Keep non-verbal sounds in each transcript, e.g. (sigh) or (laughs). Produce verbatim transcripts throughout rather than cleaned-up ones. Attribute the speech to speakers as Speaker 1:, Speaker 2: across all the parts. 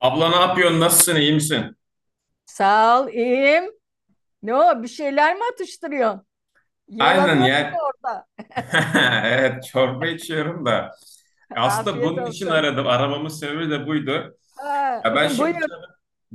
Speaker 1: Abla ne yapıyorsun? Nasılsın? İyi misin?
Speaker 2: Sağ ol, iyiyim. Ne o, bir şeyler mi atıştırıyorsun?
Speaker 1: Aynen
Speaker 2: Yalanıyorsun
Speaker 1: ya.
Speaker 2: orada.
Speaker 1: (laughs) Evet, çorba içiyorum da. E,
Speaker 2: (laughs)
Speaker 1: Aslında
Speaker 2: Afiyet
Speaker 1: bunun için
Speaker 2: olsun.
Speaker 1: aradım. Aramamın sebebi de buydu.
Speaker 2: Ha,
Speaker 1: Ya ben
Speaker 2: (laughs)
Speaker 1: şimdi
Speaker 2: buyur.
Speaker 1: can-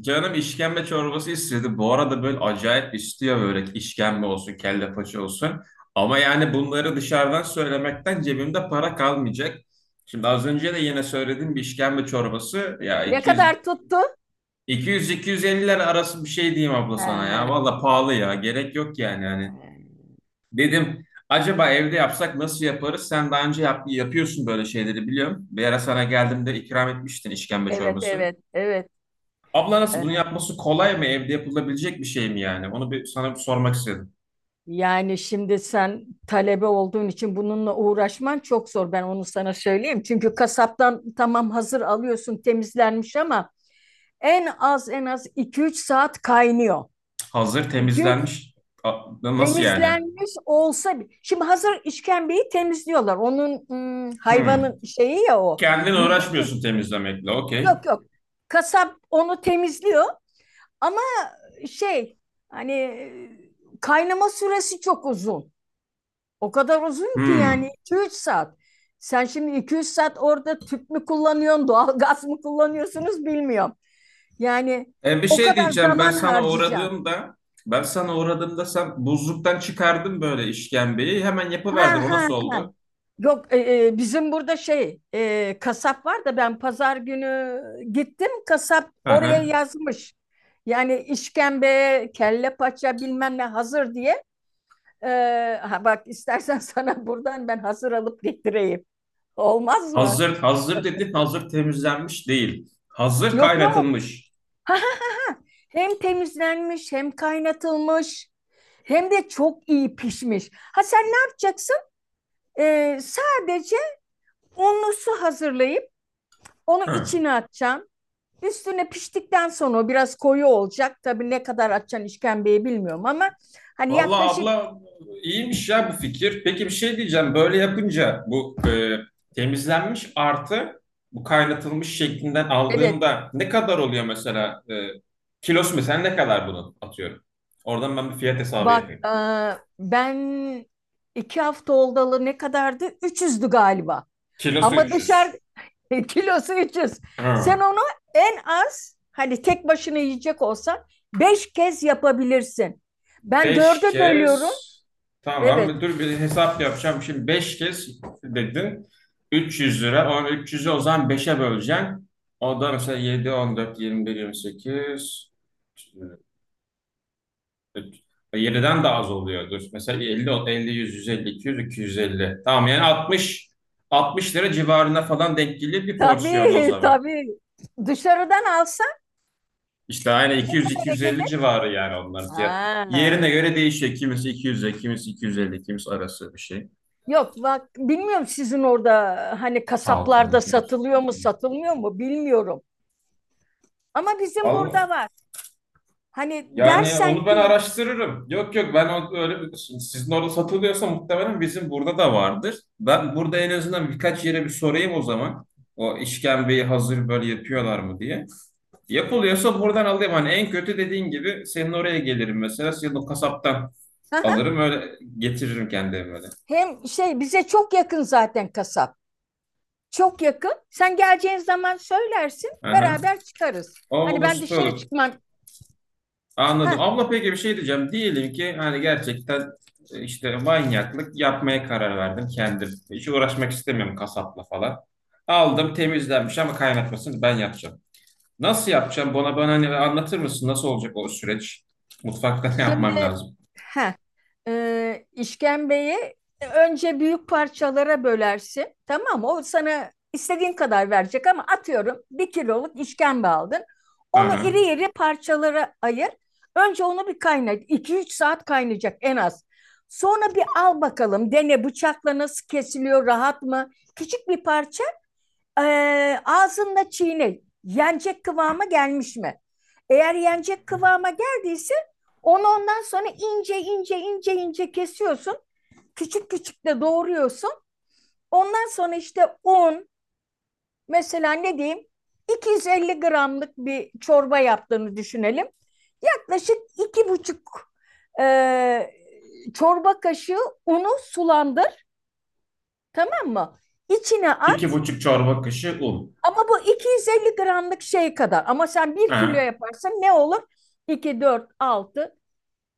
Speaker 1: canım işkembe çorbası istedi. Bu arada böyle acayip istiyor, böyle işkembe olsun, kelle paça olsun. Ama yani bunları dışarıdan söylemekten cebimde para kalmayacak. Şimdi az önce de yine söylediğim bir işkembe çorbası ya
Speaker 2: Ne kadar tuttu?
Speaker 1: iki yüz iki yüz-iki yüz elli lira arası bir şey diyeyim abla sana
Speaker 2: Ha.
Speaker 1: ya. Valla pahalı ya. Gerek yok yani. Yani dedim, acaba evde yapsak nasıl yaparız? Sen daha önce yap- yapıyorsun böyle şeyleri, biliyorum. Bir ara sana geldiğimde ikram etmiştin işkembe
Speaker 2: Evet,
Speaker 1: çorbası.
Speaker 2: evet, evet.
Speaker 1: Abla nasıl, bunu
Speaker 2: Evet.
Speaker 1: yapması kolay mı? Evde yapılabilecek bir şey mi yani? Onu bir sana bir sormak istedim.
Speaker 2: Yani şimdi sen talebe olduğun için bununla uğraşman çok zor. Ben onu sana söyleyeyim. Çünkü kasaptan tamam hazır alıyorsun temizlenmiş ama en az en az iki üç saat kaynıyor.
Speaker 1: Hazır
Speaker 2: iki üç.
Speaker 1: temizlenmiş. A- Nasıl yani?
Speaker 2: Temizlenmiş olsa bi- şimdi hazır işkembeyi temizliyorlar. Onun hmm,
Speaker 1: Hmm.
Speaker 2: hayvanın şeyi ya o.
Speaker 1: Kendin
Speaker 2: Mide kız,
Speaker 1: uğraşmıyorsun temizlemekle. Okey.
Speaker 2: yok yok. Kasap onu temizliyor ama şey hani e, kaynama süresi çok uzun. O kadar uzun ki yani
Speaker 1: Hmm.
Speaker 2: iki üç saat. Sen şimdi iki üç saat orada tüp mü kullanıyorsun, doğal gaz mı kullanıyorsunuz bilmiyorum. Yani
Speaker 1: E, bir
Speaker 2: o
Speaker 1: şey
Speaker 2: kadar
Speaker 1: diyeceğim. Ben
Speaker 2: zaman
Speaker 1: sana
Speaker 2: harcayacaksın.
Speaker 1: uğradığımda ben sana uğradığımda sen buzluktan çıkardın böyle işkembeyi. Hemen yapıverdin.
Speaker 2: Ha
Speaker 1: O
Speaker 2: ha.
Speaker 1: nasıl
Speaker 2: Ha.
Speaker 1: oldu?
Speaker 2: Yok, e, e, bizim burada şey e, kasap var da ben pazar günü gittim kasap
Speaker 1: Hı
Speaker 2: oraya
Speaker 1: hı.
Speaker 2: yazmış. Yani işkembe, kelle paça bilmem ne hazır diye. E, ha bak istersen (laughs) sana buradan ben hazır alıp getireyim. Olmaz mı?
Speaker 1: Hazır, hazır dedi. Hazır temizlenmiş değil, hazır
Speaker 2: Yok yok.
Speaker 1: kaynatılmış.
Speaker 2: Ha, ha, ha, ha. Hem temizlenmiş hem kaynatılmış. Hem de çok iyi pişmiş. Ha sen ne yapacaksın? E, sadece unlu su hazırlayıp onu
Speaker 1: Hı.
Speaker 2: içine atacaksın. Üstüne piştikten sonra o biraz koyu olacak. Tabii ne kadar açacaksın işkembeyi bilmiyorum ama hani
Speaker 1: Vallahi
Speaker 2: yaklaşık.
Speaker 1: abla, iyiymiş ya bu fikir. Peki, bir şey diyeceğim. Böyle yapınca bu e, temizlenmiş artı bu kaynatılmış şeklinden
Speaker 2: Evet
Speaker 1: aldığımda ne kadar oluyor mesela? E, kilosu mesela ne kadar, bunu atıyorum? Oradan ben bir fiyat hesabı
Speaker 2: bak
Speaker 1: yapayım.
Speaker 2: e, ben iki hafta oldalı ne kadardı? üç yüzdü galiba.
Speaker 1: Kilosu
Speaker 2: Ama dışarı
Speaker 1: üç yüz.
Speaker 2: (laughs) kilosu üç yüz. Sen
Speaker 1: Hı.
Speaker 2: onu en az hani tek başına yiyecek olsan beş kez yapabilirsin. Ben
Speaker 1: Beş
Speaker 2: dörde bölüyorum.
Speaker 1: kez.
Speaker 2: Evet.
Speaker 1: Tamam, dur bir hesap yapacağım. Şimdi beş kez dedin. Üç yüz lira. O üç yüzü o zaman beşe böleceksin. O da mesela, yedi, on dört, yirmi bir, yirmi sekiz, yediden daha az oluyordur. Mesela elli, elli, yüz, yüz elli, iki yüz, iki yüz elli. Tamam yani altmış, altmış lira civarına falan denk gelir bir porsiyon o
Speaker 2: Tabii, (laughs)
Speaker 1: zaman.
Speaker 2: tabii. Dışarıdan alsan
Speaker 1: İşte aynı, iki, iki
Speaker 2: ne
Speaker 1: yüz, iki
Speaker 2: kadara
Speaker 1: yüz elli
Speaker 2: gelir?
Speaker 1: civarı yani onların fiyatı.
Speaker 2: Ha.
Speaker 1: Yerine göre değişiyor. Kimisi iki yüze, kimisi iki yüz elli, kimisi arası bir şey.
Speaker 2: Yok bak bilmiyorum sizin orada hani
Speaker 1: altı,
Speaker 2: kasaplarda
Speaker 1: on iki,
Speaker 2: satılıyor
Speaker 1: on sekiz,
Speaker 2: mu
Speaker 1: yirmi.
Speaker 2: satılmıyor mu bilmiyorum. Ama bizim
Speaker 1: Allah.
Speaker 2: burada var. Hani
Speaker 1: Yani
Speaker 2: dersen
Speaker 1: onu ben
Speaker 2: ki,
Speaker 1: araştırırım. Yok yok, ben o- öyle bir, şimdi sizin orada satılıyorsa muhtemelen bizim burada da vardır. Ben burada en azından birkaç yere bir sorayım o zaman. O işkembeyi hazır böyle yapıyorlar mı diye. Yapılıyorsa buradan alayım. Hani en kötü, dediğin gibi, senin oraya gelirim mesela. Senin o kasaptan
Speaker 2: (laughs)
Speaker 1: alırım, öyle getiririm kendi evime de.
Speaker 2: hem şey bize çok yakın zaten kasap. Çok yakın. Sen geleceğin zaman söylersin
Speaker 1: Aha.
Speaker 2: beraber çıkarız.
Speaker 1: O
Speaker 2: Hani
Speaker 1: olur,
Speaker 2: ben
Speaker 1: süper
Speaker 2: dışarı
Speaker 1: olur.
Speaker 2: çıkmam.
Speaker 1: Anladım.
Speaker 2: Heh,
Speaker 1: Abla peki, bir şey diyeceğim. Diyelim ki hani gerçekten e, işte manyaklık yapmaya karar verdim kendim. Hiç uğraşmak istemiyorum kasapla falan. Aldım temizlenmiş ama kaynatmasını ben yapacağım. Nasıl yapacağım? Bana bana hani anlatır mısın? Nasıl olacak o süreç? Mutfakta (laughs) ne yapmam
Speaker 2: Şimdi
Speaker 1: lazım?
Speaker 2: heh, e, işkembeyi önce büyük parçalara bölersin. Tamam mı? O sana istediğin kadar verecek ama atıyorum bir kiloluk işkembe aldın. Onu
Speaker 1: Aha.
Speaker 2: iri iri parçalara ayır. Önce onu bir kaynat. İki üç saat kaynayacak en az. Sonra bir al bakalım dene bıçakla nasıl kesiliyor rahat mı? Küçük bir parça, ee, ağzında çiğne. Yenecek kıvama gelmiş mi? Eğer yenecek kıvama geldiyse onu ondan sonra ince ince ince ince kesiyorsun. Küçük küçük de doğruyorsun. Ondan sonra işte un, mesela ne diyeyim, iki yüz elli gramlık bir çorba yaptığını düşünelim. Yaklaşık iki buçuk e, çorba kaşığı unu sulandır, tamam mı? İçine
Speaker 1: İki
Speaker 2: at.
Speaker 1: buçuk çorba kaşığı un.
Speaker 2: Ama bu iki yüz elli gramlık şey kadar. Ama sen bir kilo
Speaker 1: Aha.
Speaker 2: yaparsan ne olur? iki, dört, altı.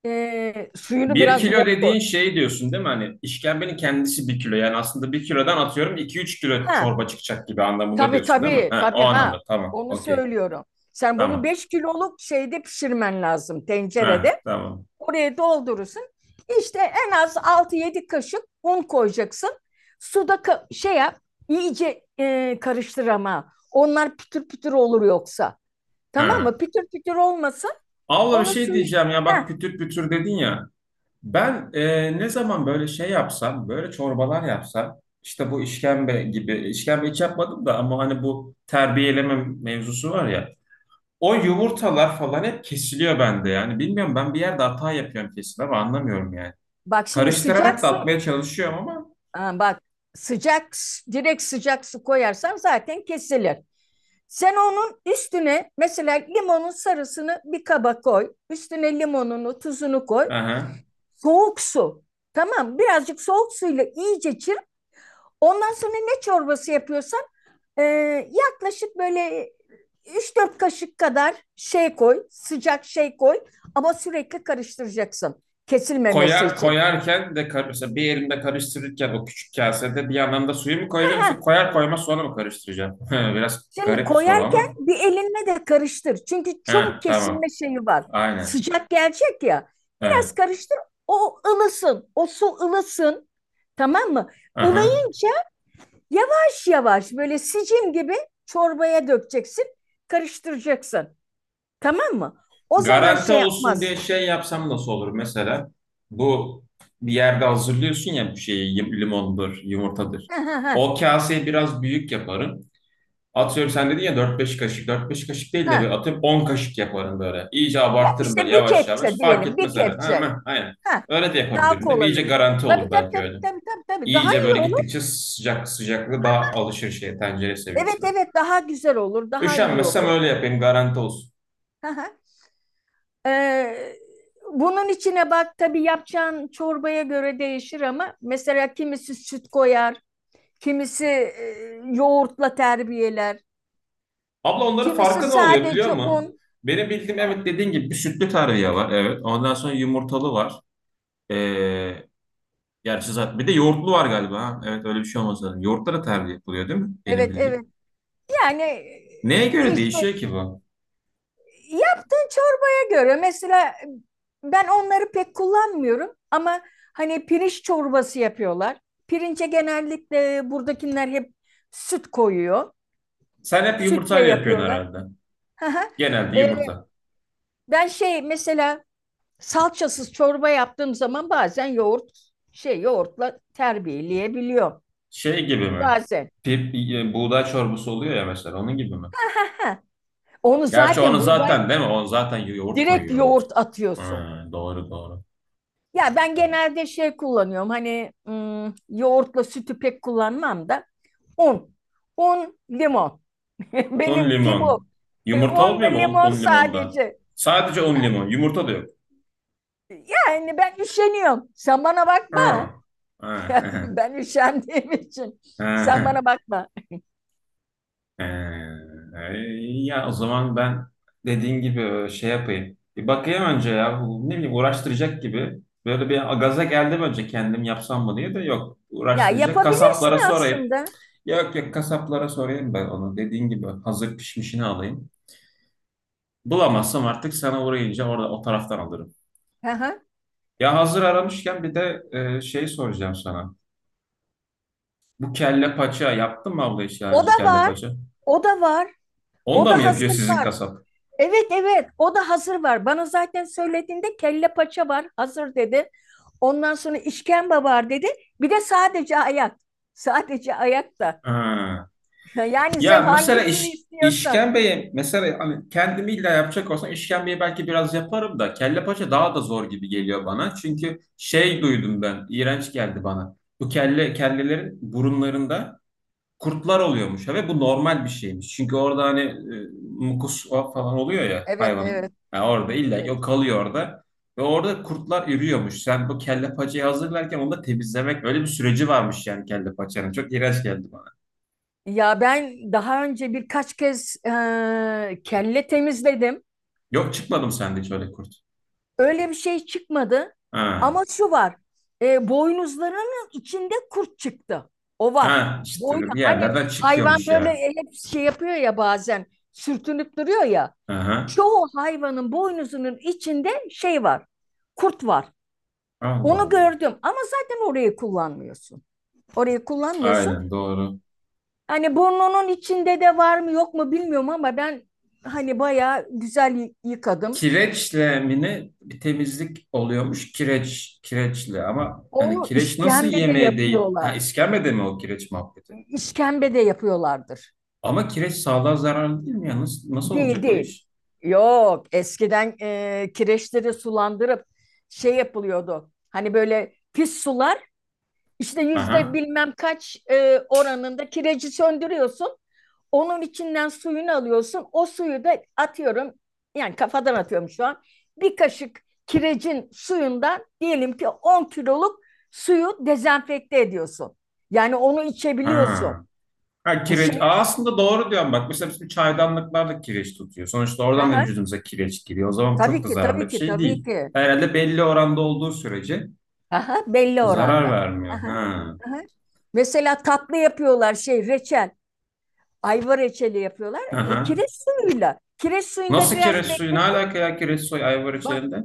Speaker 2: Ee, suyunu
Speaker 1: Bir
Speaker 2: biraz bol
Speaker 1: kilo
Speaker 2: koy.
Speaker 1: dediğin şey diyorsun değil mi? Hani işkembenin kendisi bir kilo. Yani aslında bir kilodan atıyorum iki üç kilo
Speaker 2: Ha,
Speaker 1: çorba çıkacak gibi anlamında
Speaker 2: tabii
Speaker 1: diyorsun değil mi?
Speaker 2: tabii
Speaker 1: Ha, o
Speaker 2: tabii,
Speaker 1: anlamda.
Speaker 2: ha.
Speaker 1: Tamam.
Speaker 2: Onu
Speaker 1: Okey.
Speaker 2: söylüyorum. Sen bunu
Speaker 1: Tamam.
Speaker 2: beş kiloluk şeyde pişirmen lazım,
Speaker 1: Ha,
Speaker 2: tencerede.
Speaker 1: tamam.
Speaker 2: Oraya doldurursun. İşte en az altı yedi kaşık un koyacaksın. Suda ka- şey yap. İyice e, karıştır ama. Onlar pütür pütür olur yoksa. Tamam mı?
Speaker 1: Ha.
Speaker 2: Pütür pütür olmasın.
Speaker 1: Abla bir
Speaker 2: Onu
Speaker 1: şey
Speaker 2: suyu.
Speaker 1: diyeceğim ya,
Speaker 2: Heh,
Speaker 1: bak pütür pütür dedin ya. Ben e, ne zaman böyle şey yapsam, böyle çorbalar yapsam, işte bu işkembe gibi, işkembe hiç yapmadım da ama hani bu terbiyeleme mevzusu var ya. O yumurtalar falan hep kesiliyor bende yani. Bilmiyorum, ben bir yerde hata yapıyorum kesin ama anlamıyorum yani.
Speaker 2: Bak şimdi sıcak
Speaker 1: Karıştırarak da
Speaker 2: su.
Speaker 1: atmaya çalışıyorum ama.
Speaker 2: Ha bak, sıcak s- direkt sıcak su koyarsan zaten kesilir. Sen onun üstüne mesela limonun sarısını bir kaba koy. Üstüne limonunu, tuzunu koy.
Speaker 1: Aha.
Speaker 2: Soğuk su. Tamam, birazcık soğuk suyla iyice çır. Ondan sonra ne çorbası yapıyorsan e, yaklaşık böyle üç dört kaşık kadar şey koy, sıcak şey koy, ama sürekli karıştıracaksın kesilmemesi
Speaker 1: Koyar,
Speaker 2: için.
Speaker 1: koyarken de kar- mesela bir elimde karıştırırken o küçük kasede bir yandan da suyu mu koyacağım, yoksa koyar koymaz sonra mı karıştıracağım? (laughs) Biraz
Speaker 2: Şimdi
Speaker 1: garip bir soru
Speaker 2: koyarken
Speaker 1: ama.
Speaker 2: bir elinle de karıştır. Çünkü çabuk
Speaker 1: Ha, tamam.
Speaker 2: kesilme şeyi var.
Speaker 1: Aynen.
Speaker 2: Sıcak gelecek ya. Biraz
Speaker 1: Evet.
Speaker 2: karıştır. O ılısın. O su ılısın. Tamam mı?
Speaker 1: Aha.
Speaker 2: Ilayı yavaş yavaş böyle sicim gibi çorbaya dökeceksin. Karıştıracaksın. Tamam mı? O zaman
Speaker 1: Garanti
Speaker 2: şey
Speaker 1: olsun diye
Speaker 2: yapmaz.
Speaker 1: şey yapsam nasıl olur mesela? Bu, bir yerde hazırlıyorsun ya bir şeyi, yum- limondur, yumurtadır.
Speaker 2: Ha, ha, ha,
Speaker 1: O kaseyi biraz büyük yaparım. Atıyorum sen dedin ya, dört beş kaşık. Dört beş kaşık değil de
Speaker 2: ha.
Speaker 1: böyle atıyorum on kaşık yaparım böyle. İyice
Speaker 2: Ya
Speaker 1: abartırım böyle,
Speaker 2: işte bir
Speaker 1: yavaş
Speaker 2: kepçe
Speaker 1: yavaş. Fark
Speaker 2: diyelim. Bir
Speaker 1: etmez herhalde. Ha,
Speaker 2: kepçe.
Speaker 1: ha, aynen.
Speaker 2: Ha,
Speaker 1: Öyle de
Speaker 2: daha
Speaker 1: yapabilirim değil mi?
Speaker 2: kolay
Speaker 1: İyice
Speaker 2: olur.
Speaker 1: garanti
Speaker 2: Tabii
Speaker 1: olur
Speaker 2: tabii
Speaker 1: belki
Speaker 2: tabii
Speaker 1: öyle.
Speaker 2: tabii tabii. Tabii. Daha
Speaker 1: İyice
Speaker 2: iyi
Speaker 1: böyle
Speaker 2: olur.
Speaker 1: gittikçe sıcak sıcaklığı daha alışır şeye, tencere
Speaker 2: Evet
Speaker 1: seviyesine.
Speaker 2: evet, daha güzel olur. Daha iyi
Speaker 1: Üşenmezsem
Speaker 2: olur.
Speaker 1: öyle yapayım, garanti olsun.
Speaker 2: Aha. Ee, Bunun içine bak, tabii yapacağın çorbaya göre değişir ama mesela kimisi süt koyar, kimisi e, yoğurtla terbiyeler,
Speaker 1: Abla onların
Speaker 2: kimisi
Speaker 1: farkı ne oluyor biliyor
Speaker 2: sadece un.
Speaker 1: musun? Benim bildiğim,
Speaker 2: Ha.
Speaker 1: evet, dediğin gibi bir sütlü tarhana var, evet. Ondan sonra yumurtalı var. Ee, gerçi zaten bir de yoğurtlu var galiba. Ha? Evet, öyle bir şey olmasa. Yoğurtlara tarhana yapılıyor değil mi? Benim
Speaker 2: Evet
Speaker 1: bildiğim.
Speaker 2: evet, yani
Speaker 1: Neye
Speaker 2: e,
Speaker 1: göre
Speaker 2: işte
Speaker 1: değişiyor ki bu?
Speaker 2: yaptığın çorbaya göre mesela ben onları pek kullanmıyorum ama hani pirinç çorbası yapıyorlar. Pirince genellikle buradakiler hep süt koyuyor.
Speaker 1: Sen hep
Speaker 2: Sütle
Speaker 1: yumurtayla yapıyorsun
Speaker 2: yapıyorlar.
Speaker 1: herhalde. Genelde
Speaker 2: (laughs)
Speaker 1: yumurta.
Speaker 2: Ben şey mesela salçasız çorba yaptığım zaman bazen yoğurt, şey, yoğurtla terbiyeleyebiliyorum.
Speaker 1: Şey gibi mi?
Speaker 2: Bazen.
Speaker 1: Pip, e, buğday çorbası oluyor ya, mesela onun gibi mi?
Speaker 2: Ha, onu
Speaker 1: Gerçi onu
Speaker 2: zaten buğday
Speaker 1: zaten, değil mi? Onu zaten yoğurt
Speaker 2: direkt
Speaker 1: koyuyormuş.
Speaker 2: yoğurt atıyorsun.
Speaker 1: Ha, doğru doğru.
Speaker 2: Ya ben
Speaker 1: Ha.
Speaker 2: genelde şey kullanıyorum hani ım, yoğurtla sütü pek kullanmam da un. Un, limon. (laughs)
Speaker 1: Un
Speaker 2: Benimki bu.
Speaker 1: limon.
Speaker 2: E,
Speaker 1: Yumurta
Speaker 2: Un
Speaker 1: olmuyor
Speaker 2: ve
Speaker 1: mu un,
Speaker 2: limon
Speaker 1: un limonda?
Speaker 2: sadece.
Speaker 1: Sadece un
Speaker 2: Yani,
Speaker 1: limon. Yumurta da yok.
Speaker 2: yani ben üşeniyorum. Sen bana bakma.
Speaker 1: Ha.
Speaker 2: (laughs)
Speaker 1: Ha.
Speaker 2: Ben üşendiğim için. Sen bana
Speaker 1: (laughs)
Speaker 2: bakma.
Speaker 1: Ee, e, ya o zaman ben dediğin gibi e, şey yapayım. Bir bakayım önce ya. Bu, ne bileyim, uğraştıracak gibi. Böyle bir gaza geldim, önce kendim yapsam mı diye de yok.
Speaker 2: Ya
Speaker 1: Uğraştıracak.
Speaker 2: yapabilirsin
Speaker 1: Kasaplara sorayım.
Speaker 2: aslında.
Speaker 1: Yok yok, kasaplara sorayım ben onu. Dediğin gibi hazır pişmişini alayım. Bulamazsam artık sana uğrayınca orada o taraftan alırım.
Speaker 2: Hı hı.
Speaker 1: Ya hazır aramışken bir de e, şey soracağım sana. Bu kelle paça yaptın mı abla, hiç daha
Speaker 2: O da
Speaker 1: önce kelle
Speaker 2: var,
Speaker 1: paça?
Speaker 2: o da var,
Speaker 1: Onu
Speaker 2: o
Speaker 1: da mı
Speaker 2: da
Speaker 1: yapıyor
Speaker 2: hazır
Speaker 1: sizin
Speaker 2: var.
Speaker 1: kasap?
Speaker 2: Evet evet, o da hazır var. Bana zaten söylediğinde kelle paça var, hazır dedi. Ondan sonra işkembe var dedi. Bir de sadece ayak. Sadece ayak da.
Speaker 1: Ha.
Speaker 2: (laughs) Yani
Speaker 1: Ya
Speaker 2: sen
Speaker 1: mesela
Speaker 2: hangisini
Speaker 1: iş,
Speaker 2: istiyorsan.
Speaker 1: işkembeye mesela, hani kendimi illa yapacak olsam işkembeyi belki biraz yaparım da kelle paça daha da zor gibi geliyor bana. Çünkü şey duydum, ben iğrenç geldi bana. Bu kelle kellelerin burunlarında kurtlar oluyormuş ve bu normal bir şeymiş. Çünkü orada hani e, mukus, o falan oluyor ya,
Speaker 2: Evet evet
Speaker 1: hayvanın yani, orada illa ki
Speaker 2: evet.
Speaker 1: o kalıyor orada. Ve orada kurtlar ürüyormuş. Sen bu kelle paçayı hazırlarken onu da temizlemek, öyle bir süreci varmış yani kelle paçanın. Çok iğrenç geldi bana.
Speaker 2: Ya ben daha önce birkaç kez eee, kelle temizledim.
Speaker 1: Yok çıkmadım sende hiç öyle kurt.
Speaker 2: Öyle bir şey çıkmadı.
Speaker 1: Ha.
Speaker 2: Ama şu var. E, boynuzlarının içinde kurt çıktı. O var.
Speaker 1: Ha, işte
Speaker 2: Boynu
Speaker 1: bir
Speaker 2: hani
Speaker 1: yerlerden
Speaker 2: hayvan
Speaker 1: çıkıyormuş
Speaker 2: böyle
Speaker 1: yani.
Speaker 2: hep şey yapıyor ya, bazen sürtünüp duruyor ya.
Speaker 1: Aha.
Speaker 2: Çoğu hayvanın boynuzunun içinde şey var. Kurt var.
Speaker 1: Allah
Speaker 2: Onu
Speaker 1: Allah.
Speaker 2: gördüm ama zaten orayı kullanmıyorsun. Orayı kullanmıyorsun.
Speaker 1: Aynen doğru.
Speaker 2: Hani burnunun içinde de var mı yok mu bilmiyorum ama ben hani bayağı güzel yıkadım.
Speaker 1: Kireçle mi, ne? Bir temizlik oluyormuş, kireç kireçle, ama yani
Speaker 2: Onu
Speaker 1: kireç nasıl
Speaker 2: işkembe de
Speaker 1: yemeğe değil? Ha,
Speaker 2: yapıyorlar.
Speaker 1: iskemlede mi o kireç muhabbeti?
Speaker 2: İşkembe de yapıyorlardır.
Speaker 1: Ama kireç sağlığa zararlı değil mi ya? Nasıl, nasıl
Speaker 2: Değil
Speaker 1: olacak o
Speaker 2: değil.
Speaker 1: iş?
Speaker 2: Yok, eskiden e, kireçleri sulandırıp şey yapılıyordu. Hani böyle pis sular işte yüzde
Speaker 1: Aha.
Speaker 2: bilmem kaç e, oranında kireci söndürüyorsun. Onun içinden suyunu alıyorsun. O suyu da atıyorum yani, kafadan atıyorum şu an. Bir kaşık kirecin suyundan diyelim ki on kiloluk suyu dezenfekte ediyorsun. Yani onu içebiliyorsun.
Speaker 1: Ha. Ha,
Speaker 2: Bu şey.
Speaker 1: kireç. Aa, aslında doğru diyorum bak. Mesela bizim çaydanlıklar da kireç tutuyor. Sonuçta oradan da vücudumuza kireç giriyor. O zaman bu çok
Speaker 2: Tabii
Speaker 1: da
Speaker 2: ki,
Speaker 1: zararlı
Speaker 2: tabii
Speaker 1: bir
Speaker 2: ki,
Speaker 1: şey
Speaker 2: tabii
Speaker 1: değil.
Speaker 2: ki.
Speaker 1: Herhalde belli oranda olduğu sürece
Speaker 2: Aha, belli
Speaker 1: zarar
Speaker 2: oranda.
Speaker 1: vermiyor.
Speaker 2: Aha,
Speaker 1: Ha.
Speaker 2: aha. Mesela tatlı yapıyorlar şey reçel. Ayva reçeli yapıyorlar. E,
Speaker 1: Aha.
Speaker 2: kireç suyuyla. Kireç suyunda
Speaker 1: Nasıl
Speaker 2: biraz
Speaker 1: kireç suyu? Ne
Speaker 2: bekletiyor.
Speaker 1: alaka ya, kireç suyu ayvar
Speaker 2: Bak
Speaker 1: içerisinde?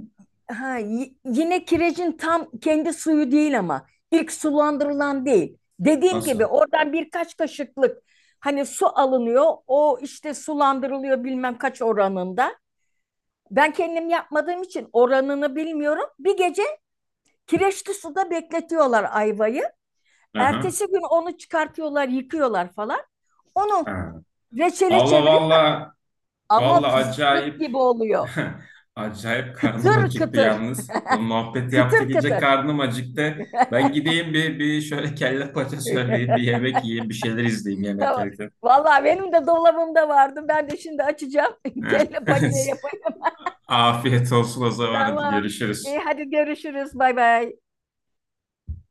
Speaker 2: ha, y- yine kirecin tam kendi suyu değil ama ilk sulandırılan değil. Dediğim gibi
Speaker 1: Nasıl?
Speaker 2: oradan birkaç kaşıklık hani su alınıyor. O işte sulandırılıyor bilmem kaç oranında. Ben kendim yapmadığım için oranını bilmiyorum. Bir gece kireçli suda bekletiyorlar ayvayı.
Speaker 1: Aha.
Speaker 2: Ertesi gün onu çıkartıyorlar, yıkıyorlar falan. Onu
Speaker 1: Ha.
Speaker 2: reçele
Speaker 1: Abla
Speaker 2: çeviriyor
Speaker 1: valla,
Speaker 2: ama
Speaker 1: valla
Speaker 2: fıstık
Speaker 1: acayip
Speaker 2: gibi oluyor.
Speaker 1: (laughs) acayip karnım
Speaker 2: Kıtır
Speaker 1: acıktı
Speaker 2: kıtır.
Speaker 1: yalnız. Bu
Speaker 2: (laughs)
Speaker 1: muhabbet yaptı,
Speaker 2: Kıtır
Speaker 1: gece
Speaker 2: kıtır.
Speaker 1: karnım acıktı. Ben gideyim bir, bir şöyle kelle paça söyleyeyim, bir yemek yiyeyim, bir şeyler izleyeyim yemek
Speaker 2: (laughs)
Speaker 1: yerken.
Speaker 2: Vallahi benim de dolabımda vardı. Ben de şimdi açacağım. (laughs)
Speaker 1: Ha.
Speaker 2: Kelle paçaya
Speaker 1: (laughs)
Speaker 2: yapayım. (laughs)
Speaker 1: Afiyet olsun o zaman, hadi
Speaker 2: Tamam. İyi
Speaker 1: görüşürüz.
Speaker 2: hadi görüşürüz. Bay bay.